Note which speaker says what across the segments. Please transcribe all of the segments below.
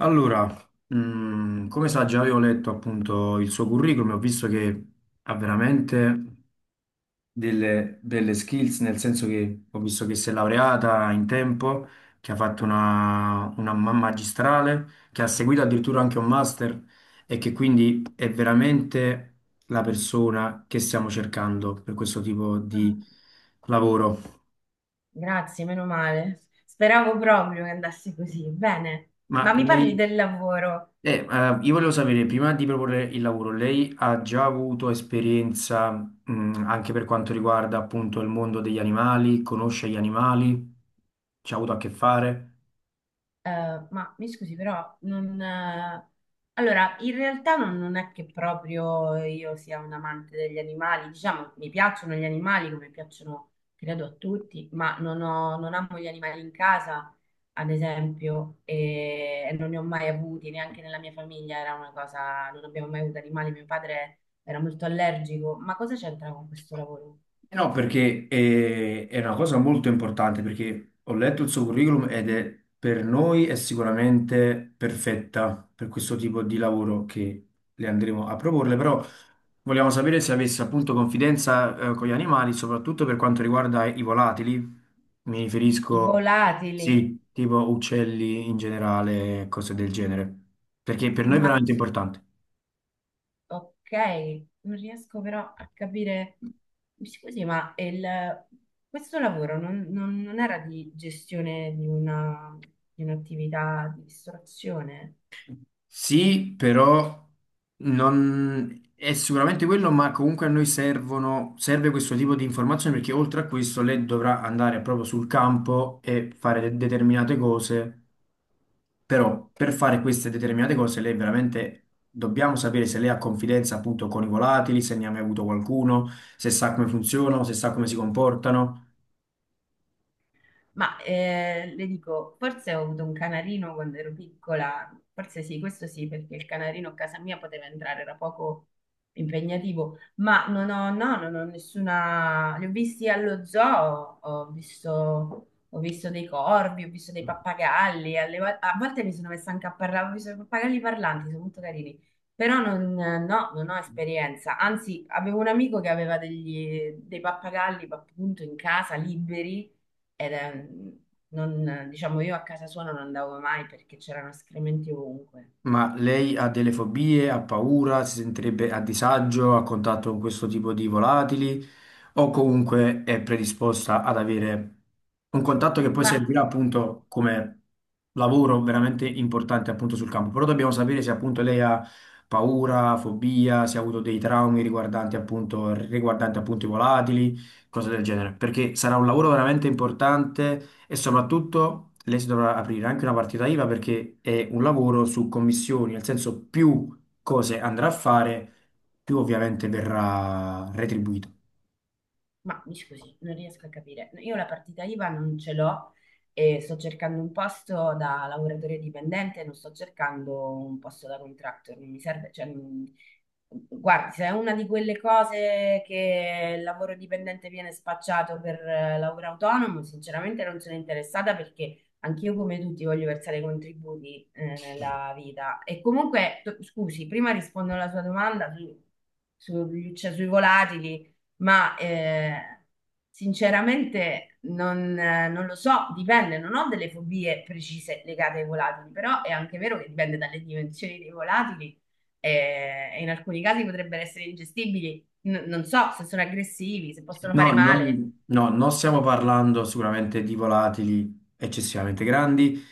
Speaker 1: Allora, come sa, già avevo letto appunto il suo curriculum e ho visto che ha veramente delle belle skills, nel senso che ho visto che si è laureata in tempo, che ha fatto una magistrale, che ha seguito addirittura anche un master e che quindi è veramente la persona che stiamo cercando per questo tipo di
Speaker 2: Ah,
Speaker 1: lavoro.
Speaker 2: grazie, meno male. Speravo proprio che andasse così. Bene,
Speaker 1: Ma
Speaker 2: ma mi parli
Speaker 1: lei.
Speaker 2: del lavoro?
Speaker 1: Io volevo sapere, prima di proporre il lavoro, lei ha già avuto esperienza, anche per quanto riguarda appunto il mondo degli animali, conosce gli animali, ci ha avuto a che fare?
Speaker 2: Ma mi scusi, però non... allora, in realtà non è che proprio io sia un amante degli animali, diciamo, mi piacciono gli animali come piacciono, credo, a tutti, ma non amo gli animali in casa, ad esempio, e non ne ho mai avuti, neanche nella mia famiglia era una cosa, non abbiamo mai avuto animali, mio padre era molto allergico, ma cosa c'entra con questo lavoro?
Speaker 1: Eh, no, perché è una cosa molto importante, perché ho letto il suo curriculum ed è per noi è sicuramente perfetta per questo tipo di lavoro che le andremo a proporle, però vogliamo sapere se avesse appunto confidenza, con gli animali, soprattutto per quanto riguarda i volatili. Mi
Speaker 2: I
Speaker 1: riferisco,
Speaker 2: volatili.
Speaker 1: sì, tipo uccelli in generale, cose del genere, perché per noi è
Speaker 2: Ma
Speaker 1: veramente importante.
Speaker 2: ok, non riesco però a capire. Mi scusi, ma questo lavoro non era di gestione di un'attività di ristorazione?
Speaker 1: Sì, però non è sicuramente quello, ma comunque a noi servono, serve questo tipo di informazioni perché oltre a questo lei dovrà andare proprio sul campo e fare determinate cose, però per fare queste determinate cose lei veramente dobbiamo sapere se lei ha confidenza appunto con i volatili, se ne ha mai avuto qualcuno, se sa come funzionano, se sa come si comportano.
Speaker 2: Ma le dico, forse ho avuto un canarino quando ero piccola, forse sì, questo sì, perché il canarino a casa mia poteva entrare, era poco impegnativo, ma non ho, no, non ho nessuna... Li ho visti allo zoo, ho visto dei corvi, ho visto dei pappagalli, a volte mi sono messa anche a parlare, ho visto i pappagalli parlanti, sono molto carini, però non, no, non ho esperienza, anzi avevo un amico che aveva dei pappagalli appunto in casa, liberi, ed è- non, diciamo, io a casa sua non andavo mai perché c'erano escrementi ovunque.
Speaker 1: Ma lei ha delle fobie, ha paura, si sentirebbe a disagio a contatto con questo tipo di volatili o comunque è predisposta ad avere un contatto che poi
Speaker 2: Ma
Speaker 1: servirà appunto come lavoro veramente importante appunto sul campo. Però dobbiamo sapere se appunto lei ha paura, fobia, se ha avuto dei traumi riguardanti appunto i volatili, cose del genere, perché sarà un lavoro veramente importante e soprattutto lei si dovrà aprire anche una partita IVA perché è un lavoro su commissioni, nel senso più cose andrà a fare, più ovviamente verrà retribuito.
Speaker 2: Ma mi scusi, non riesco a capire. Io la partita IVA non ce l'ho e sto cercando un posto da lavoratore dipendente, non sto cercando un posto da contractor, non mi serve, cioè, guardi, se è una di quelle cose che il lavoro dipendente viene spacciato per lavoro autonomo, sinceramente non sono interessata perché anch'io come tutti voglio versare i contributi nella vita. E comunque, scusi, prima rispondo alla sua domanda sui volatili. Ma sinceramente non lo so, dipende, non ho delle fobie precise legate ai volatili, però è anche vero che dipende dalle dimensioni dei volatili, e in alcuni casi potrebbero essere ingestibili, non so se sono aggressivi, se possono
Speaker 1: No,
Speaker 2: fare male,
Speaker 1: non, no, non stiamo parlando sicuramente di volatili eccessivamente grandi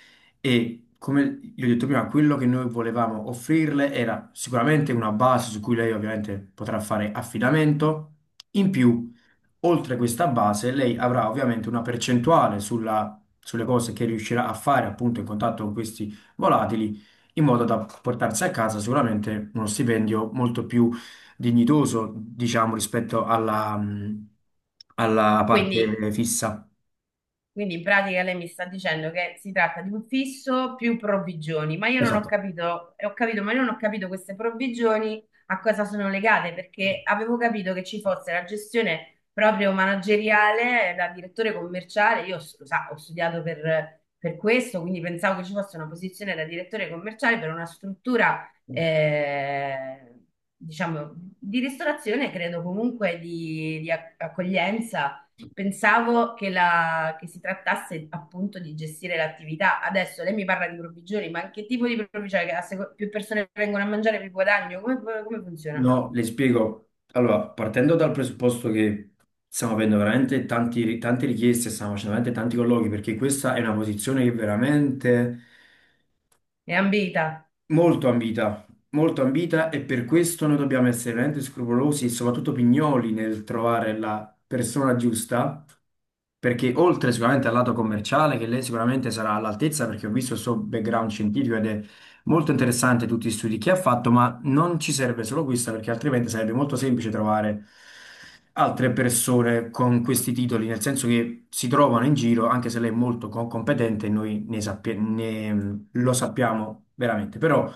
Speaker 1: e come gli ho detto prima, quello che noi volevamo offrirle era sicuramente una base su cui lei ovviamente potrà fare affidamento. In più, oltre questa base, lei avrà ovviamente una percentuale sulle cose che riuscirà a fare appunto in contatto con questi volatili, in modo da portarsi a casa sicuramente uno stipendio molto più dignitoso, diciamo, rispetto alla, alla parte
Speaker 2: quindi
Speaker 1: fissa.
Speaker 2: Quindi in pratica lei mi sta dicendo che si tratta di un fisso più provvigioni, ma io non ho
Speaker 1: Esatto.
Speaker 2: capito, e ho capito, ma io non ho capito queste provvigioni a cosa sono legate, perché avevo capito che ci fosse la gestione proprio manageriale da direttore commerciale, lo sa, ho studiato per questo, quindi pensavo che ci fosse una posizione da direttore commerciale per una struttura, diciamo, di ristorazione, credo comunque di accoglienza. Pensavo che si trattasse appunto di gestire l'attività. Adesso lei mi parla di provvigioni, ma che tipo di provvigioni? Che più persone vengono a mangiare, più guadagno? Come funziona?
Speaker 1: No, le spiego. Allora, partendo dal presupposto che stiamo avendo veramente tante richieste, stiamo facendo veramente tanti colloqui, perché questa è una posizione che veramente.
Speaker 2: È ambita.
Speaker 1: Molto ambita, molto ambita e per questo noi dobbiamo essere veramente scrupolosi e soprattutto pignoli nel trovare la persona giusta, perché oltre sicuramente al lato commerciale, che lei sicuramente sarà all'altezza, perché ho visto il suo background scientifico ed è molto interessante tutti gli studi che ha fatto, ma non ci serve solo questo, perché altrimenti sarebbe molto semplice trovare altre persone con questi titoli, nel senso che si trovano in giro, anche se lei è molto competente, noi ne sappiamo lo sappiamo veramente, però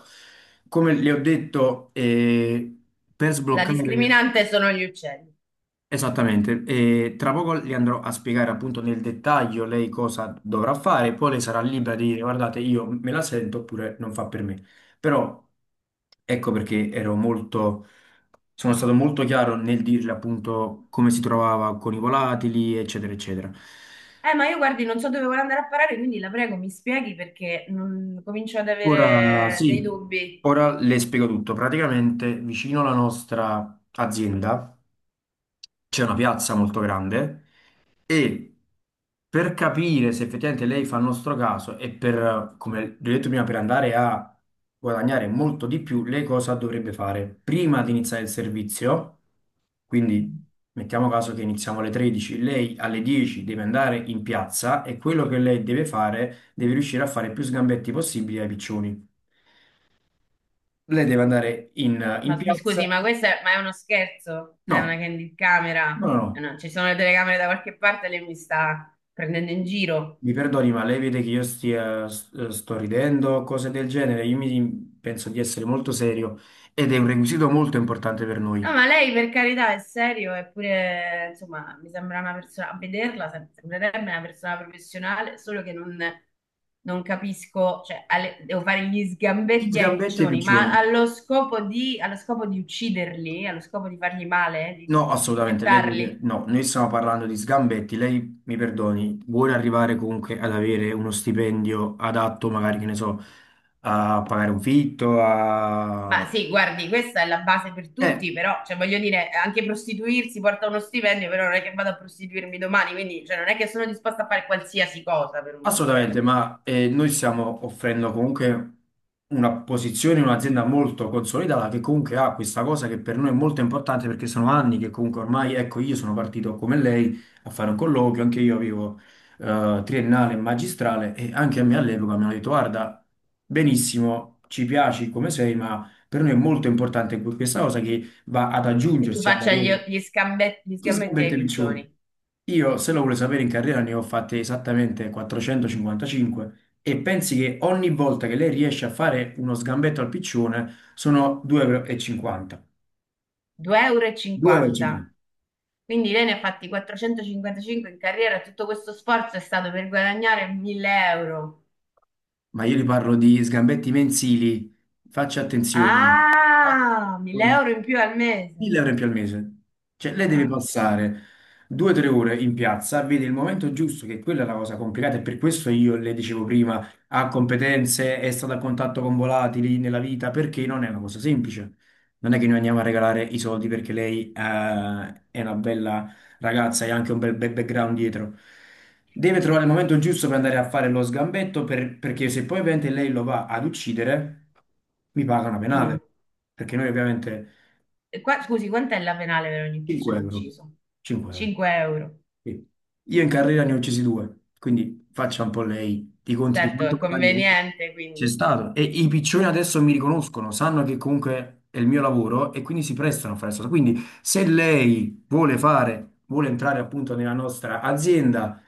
Speaker 1: come le ho detto, per
Speaker 2: La
Speaker 1: sbloccare
Speaker 2: discriminante sono gli uccelli.
Speaker 1: esattamente, tra poco le andrò a spiegare appunto nel dettaglio lei cosa dovrà fare, poi lei sarà libera di dire guardate, io me la sento oppure non fa per me. Però ecco perché ero molto, sono stato molto chiaro nel dirle appunto come si trovava con i volatili, eccetera, eccetera.
Speaker 2: Ma io guardi, non so dove vuole andare a parare, quindi la prego, mi spieghi perché comincio ad
Speaker 1: Ora
Speaker 2: avere dei
Speaker 1: sì,
Speaker 2: dubbi.
Speaker 1: ora le spiego tutto. Praticamente vicino alla nostra azienda c'è una piazza molto grande e per capire se effettivamente lei fa il nostro caso e per, come vi ho detto prima, per andare a guadagnare molto di più, lei cosa dovrebbe fare? Prima di iniziare il servizio, quindi mettiamo caso che iniziamo alle 13, lei alle 10 deve andare in piazza e quello che lei deve fare deve riuscire a fare più sgambetti possibili ai piccioni. Lei deve andare in. No.
Speaker 2: Ma mi scusi,
Speaker 1: Piazza.
Speaker 2: ma questo è, ma è uno scherzo?
Speaker 1: No,
Speaker 2: È una candy camera?
Speaker 1: no, no,
Speaker 2: Eh
Speaker 1: no,
Speaker 2: no, ci sono le telecamere da qualche parte, lei mi sta prendendo in giro.
Speaker 1: mi perdoni, ma lei vede che io stia, sto ridendo, cose del genere. Io mi, penso di essere molto serio ed è un requisito molto importante per
Speaker 2: No, ma
Speaker 1: noi.
Speaker 2: lei per carità è serio, eppure, insomma, mi sembra una persona, a vederla sembrerebbe una persona professionale, solo che non, non capisco, cioè, devo fare gli
Speaker 1: Gli
Speaker 2: sgambetti ai
Speaker 1: sgambetti e i
Speaker 2: piccioni, ma
Speaker 1: piccioni.
Speaker 2: allo scopo di ucciderli, allo scopo di fargli male, di,
Speaker 1: No,
Speaker 2: di
Speaker 1: assolutamente, lei deve...
Speaker 2: fettarli.
Speaker 1: No, noi stiamo parlando di sgambetti. Lei, mi perdoni, vuole arrivare comunque ad avere uno stipendio adatto, magari, che ne so, a pagare un fitto,
Speaker 2: Ma
Speaker 1: a...
Speaker 2: sì, guardi, questa è la base per
Speaker 1: Eh,
Speaker 2: tutti, però, cioè, voglio dire, anche prostituirsi porta uno stipendio, però non è che vado a prostituirmi domani, quindi, cioè, non è che sono disposta a fare qualsiasi cosa per uno
Speaker 1: Assolutamente,
Speaker 2: stipendio.
Speaker 1: ma noi stiamo offrendo comunque una posizione, un'azienda molto consolidata che comunque ha questa cosa che per noi è molto importante perché sono anni che comunque ormai, ecco, io sono partito come lei a fare un colloquio, anche io avevo triennale e magistrale e anche a me all'epoca mi hanno detto guarda, benissimo, ci piaci come sei, ma per noi è molto importante questa cosa che va ad
Speaker 2: Che tu
Speaker 1: aggiungersi al
Speaker 2: faccia gli,
Speaker 1: lavoro.
Speaker 2: gli scambe- gli
Speaker 1: Gli
Speaker 2: sgambetti ai
Speaker 1: sgambetti piccioni.
Speaker 2: piccioni.
Speaker 1: Io, se lo vuole sapere, in carriera ne ho fatte esattamente 455 e pensi che ogni volta che lei riesce a fare uno sgambetto al piccione sono 2,50
Speaker 2: 2,50
Speaker 1: euro.
Speaker 2: euro. e
Speaker 1: 2,50.
Speaker 2: cinquanta. Quindi lei ne ha fatti 455 in carriera, e tutto questo sforzo è stato per guadagnare 1000 euro.
Speaker 1: Ma io le parlo di sgambetti mensili, faccia attenzione. Faccia
Speaker 2: Ah, 1000
Speaker 1: attenzione.
Speaker 2: euro in più al mese.
Speaker 1: 1000 euro in più al mese. Cioè, lei deve
Speaker 2: Ah,
Speaker 1: passare 2 o 3 ore in piazza, vede il momento giusto, che quella è la cosa complicata, e per questo io le dicevo prima, ha competenze, è stata a contatto con volatili nella vita, perché non è una cosa semplice. Non è che noi andiamo a regalare i soldi perché lei, è una bella ragazza e ha anche un bel bel background dietro. Deve trovare il momento giusto per andare a fare lo sgambetto, perché se poi ovviamente lei lo va ad uccidere, mi paga una
Speaker 2: mm.
Speaker 1: penale. Perché noi ovviamente
Speaker 2: E qua, scusi, quant'è la penale per ogni
Speaker 1: 5
Speaker 2: piccione
Speaker 1: euro.
Speaker 2: ucciso?
Speaker 1: 5 euro.
Speaker 2: 5 euro.
Speaker 1: Sì. Io in carriera ne ho uccisi due, quindi faccia un po' lei di conti di
Speaker 2: Certo,
Speaker 1: quanto
Speaker 2: è
Speaker 1: guadagno comunque
Speaker 2: conveniente,
Speaker 1: c'è
Speaker 2: quindi.
Speaker 1: stato. E i piccioni adesso mi riconoscono, sanno che comunque è il mio lavoro e quindi si prestano a fare questo. Quindi se lei vuole fare, vuole entrare appunto nella nostra azienda,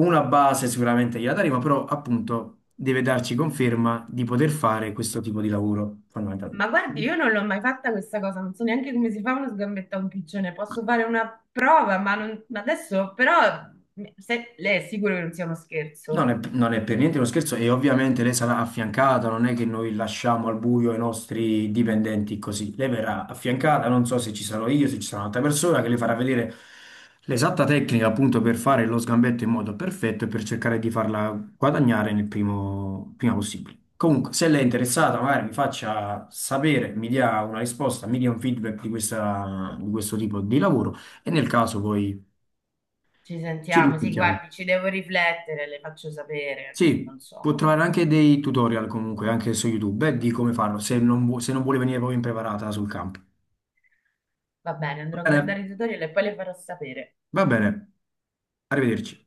Speaker 1: una base sicuramente gliela daremo, però appunto deve darci conferma di poter fare questo tipo di lavoro
Speaker 2: Ma
Speaker 1: fondamentalmente.
Speaker 2: guardi, io non l'ho mai fatta questa cosa, non so neanche come si fa uno sgambetto a un piccione. Posso fare una prova, ma adesso però lei è sicuro che non sia uno
Speaker 1: Non
Speaker 2: scherzo?
Speaker 1: è, non è per niente uno scherzo e ovviamente lei sarà affiancata, non è che noi lasciamo al buio i nostri dipendenti così. Lei verrà affiancata, non so se ci sarò io, se ci sarà un'altra persona che le farà vedere l'esatta tecnica appunto per fare lo sgambetto in modo perfetto e per cercare di farla guadagnare prima possibile. Comunque, se lei è interessata, magari mi faccia sapere, mi dia una risposta, mi dia un feedback di di questo tipo di lavoro e nel caso poi
Speaker 2: Ci
Speaker 1: ci
Speaker 2: sentiamo, sì,
Speaker 1: risentiamo.
Speaker 2: guardi, ci devo riflettere, le faccio sapere,
Speaker 1: Sì,
Speaker 2: non
Speaker 1: può
Speaker 2: so.
Speaker 1: trovare anche dei tutorial comunque, anche su YouTube, di come farlo, se non, se non vuole venire proprio impreparata sul campo.
Speaker 2: Va bene, andrò a
Speaker 1: Va bene,
Speaker 2: guardare i tutorial e poi le farò sapere.
Speaker 1: va bene, arrivederci.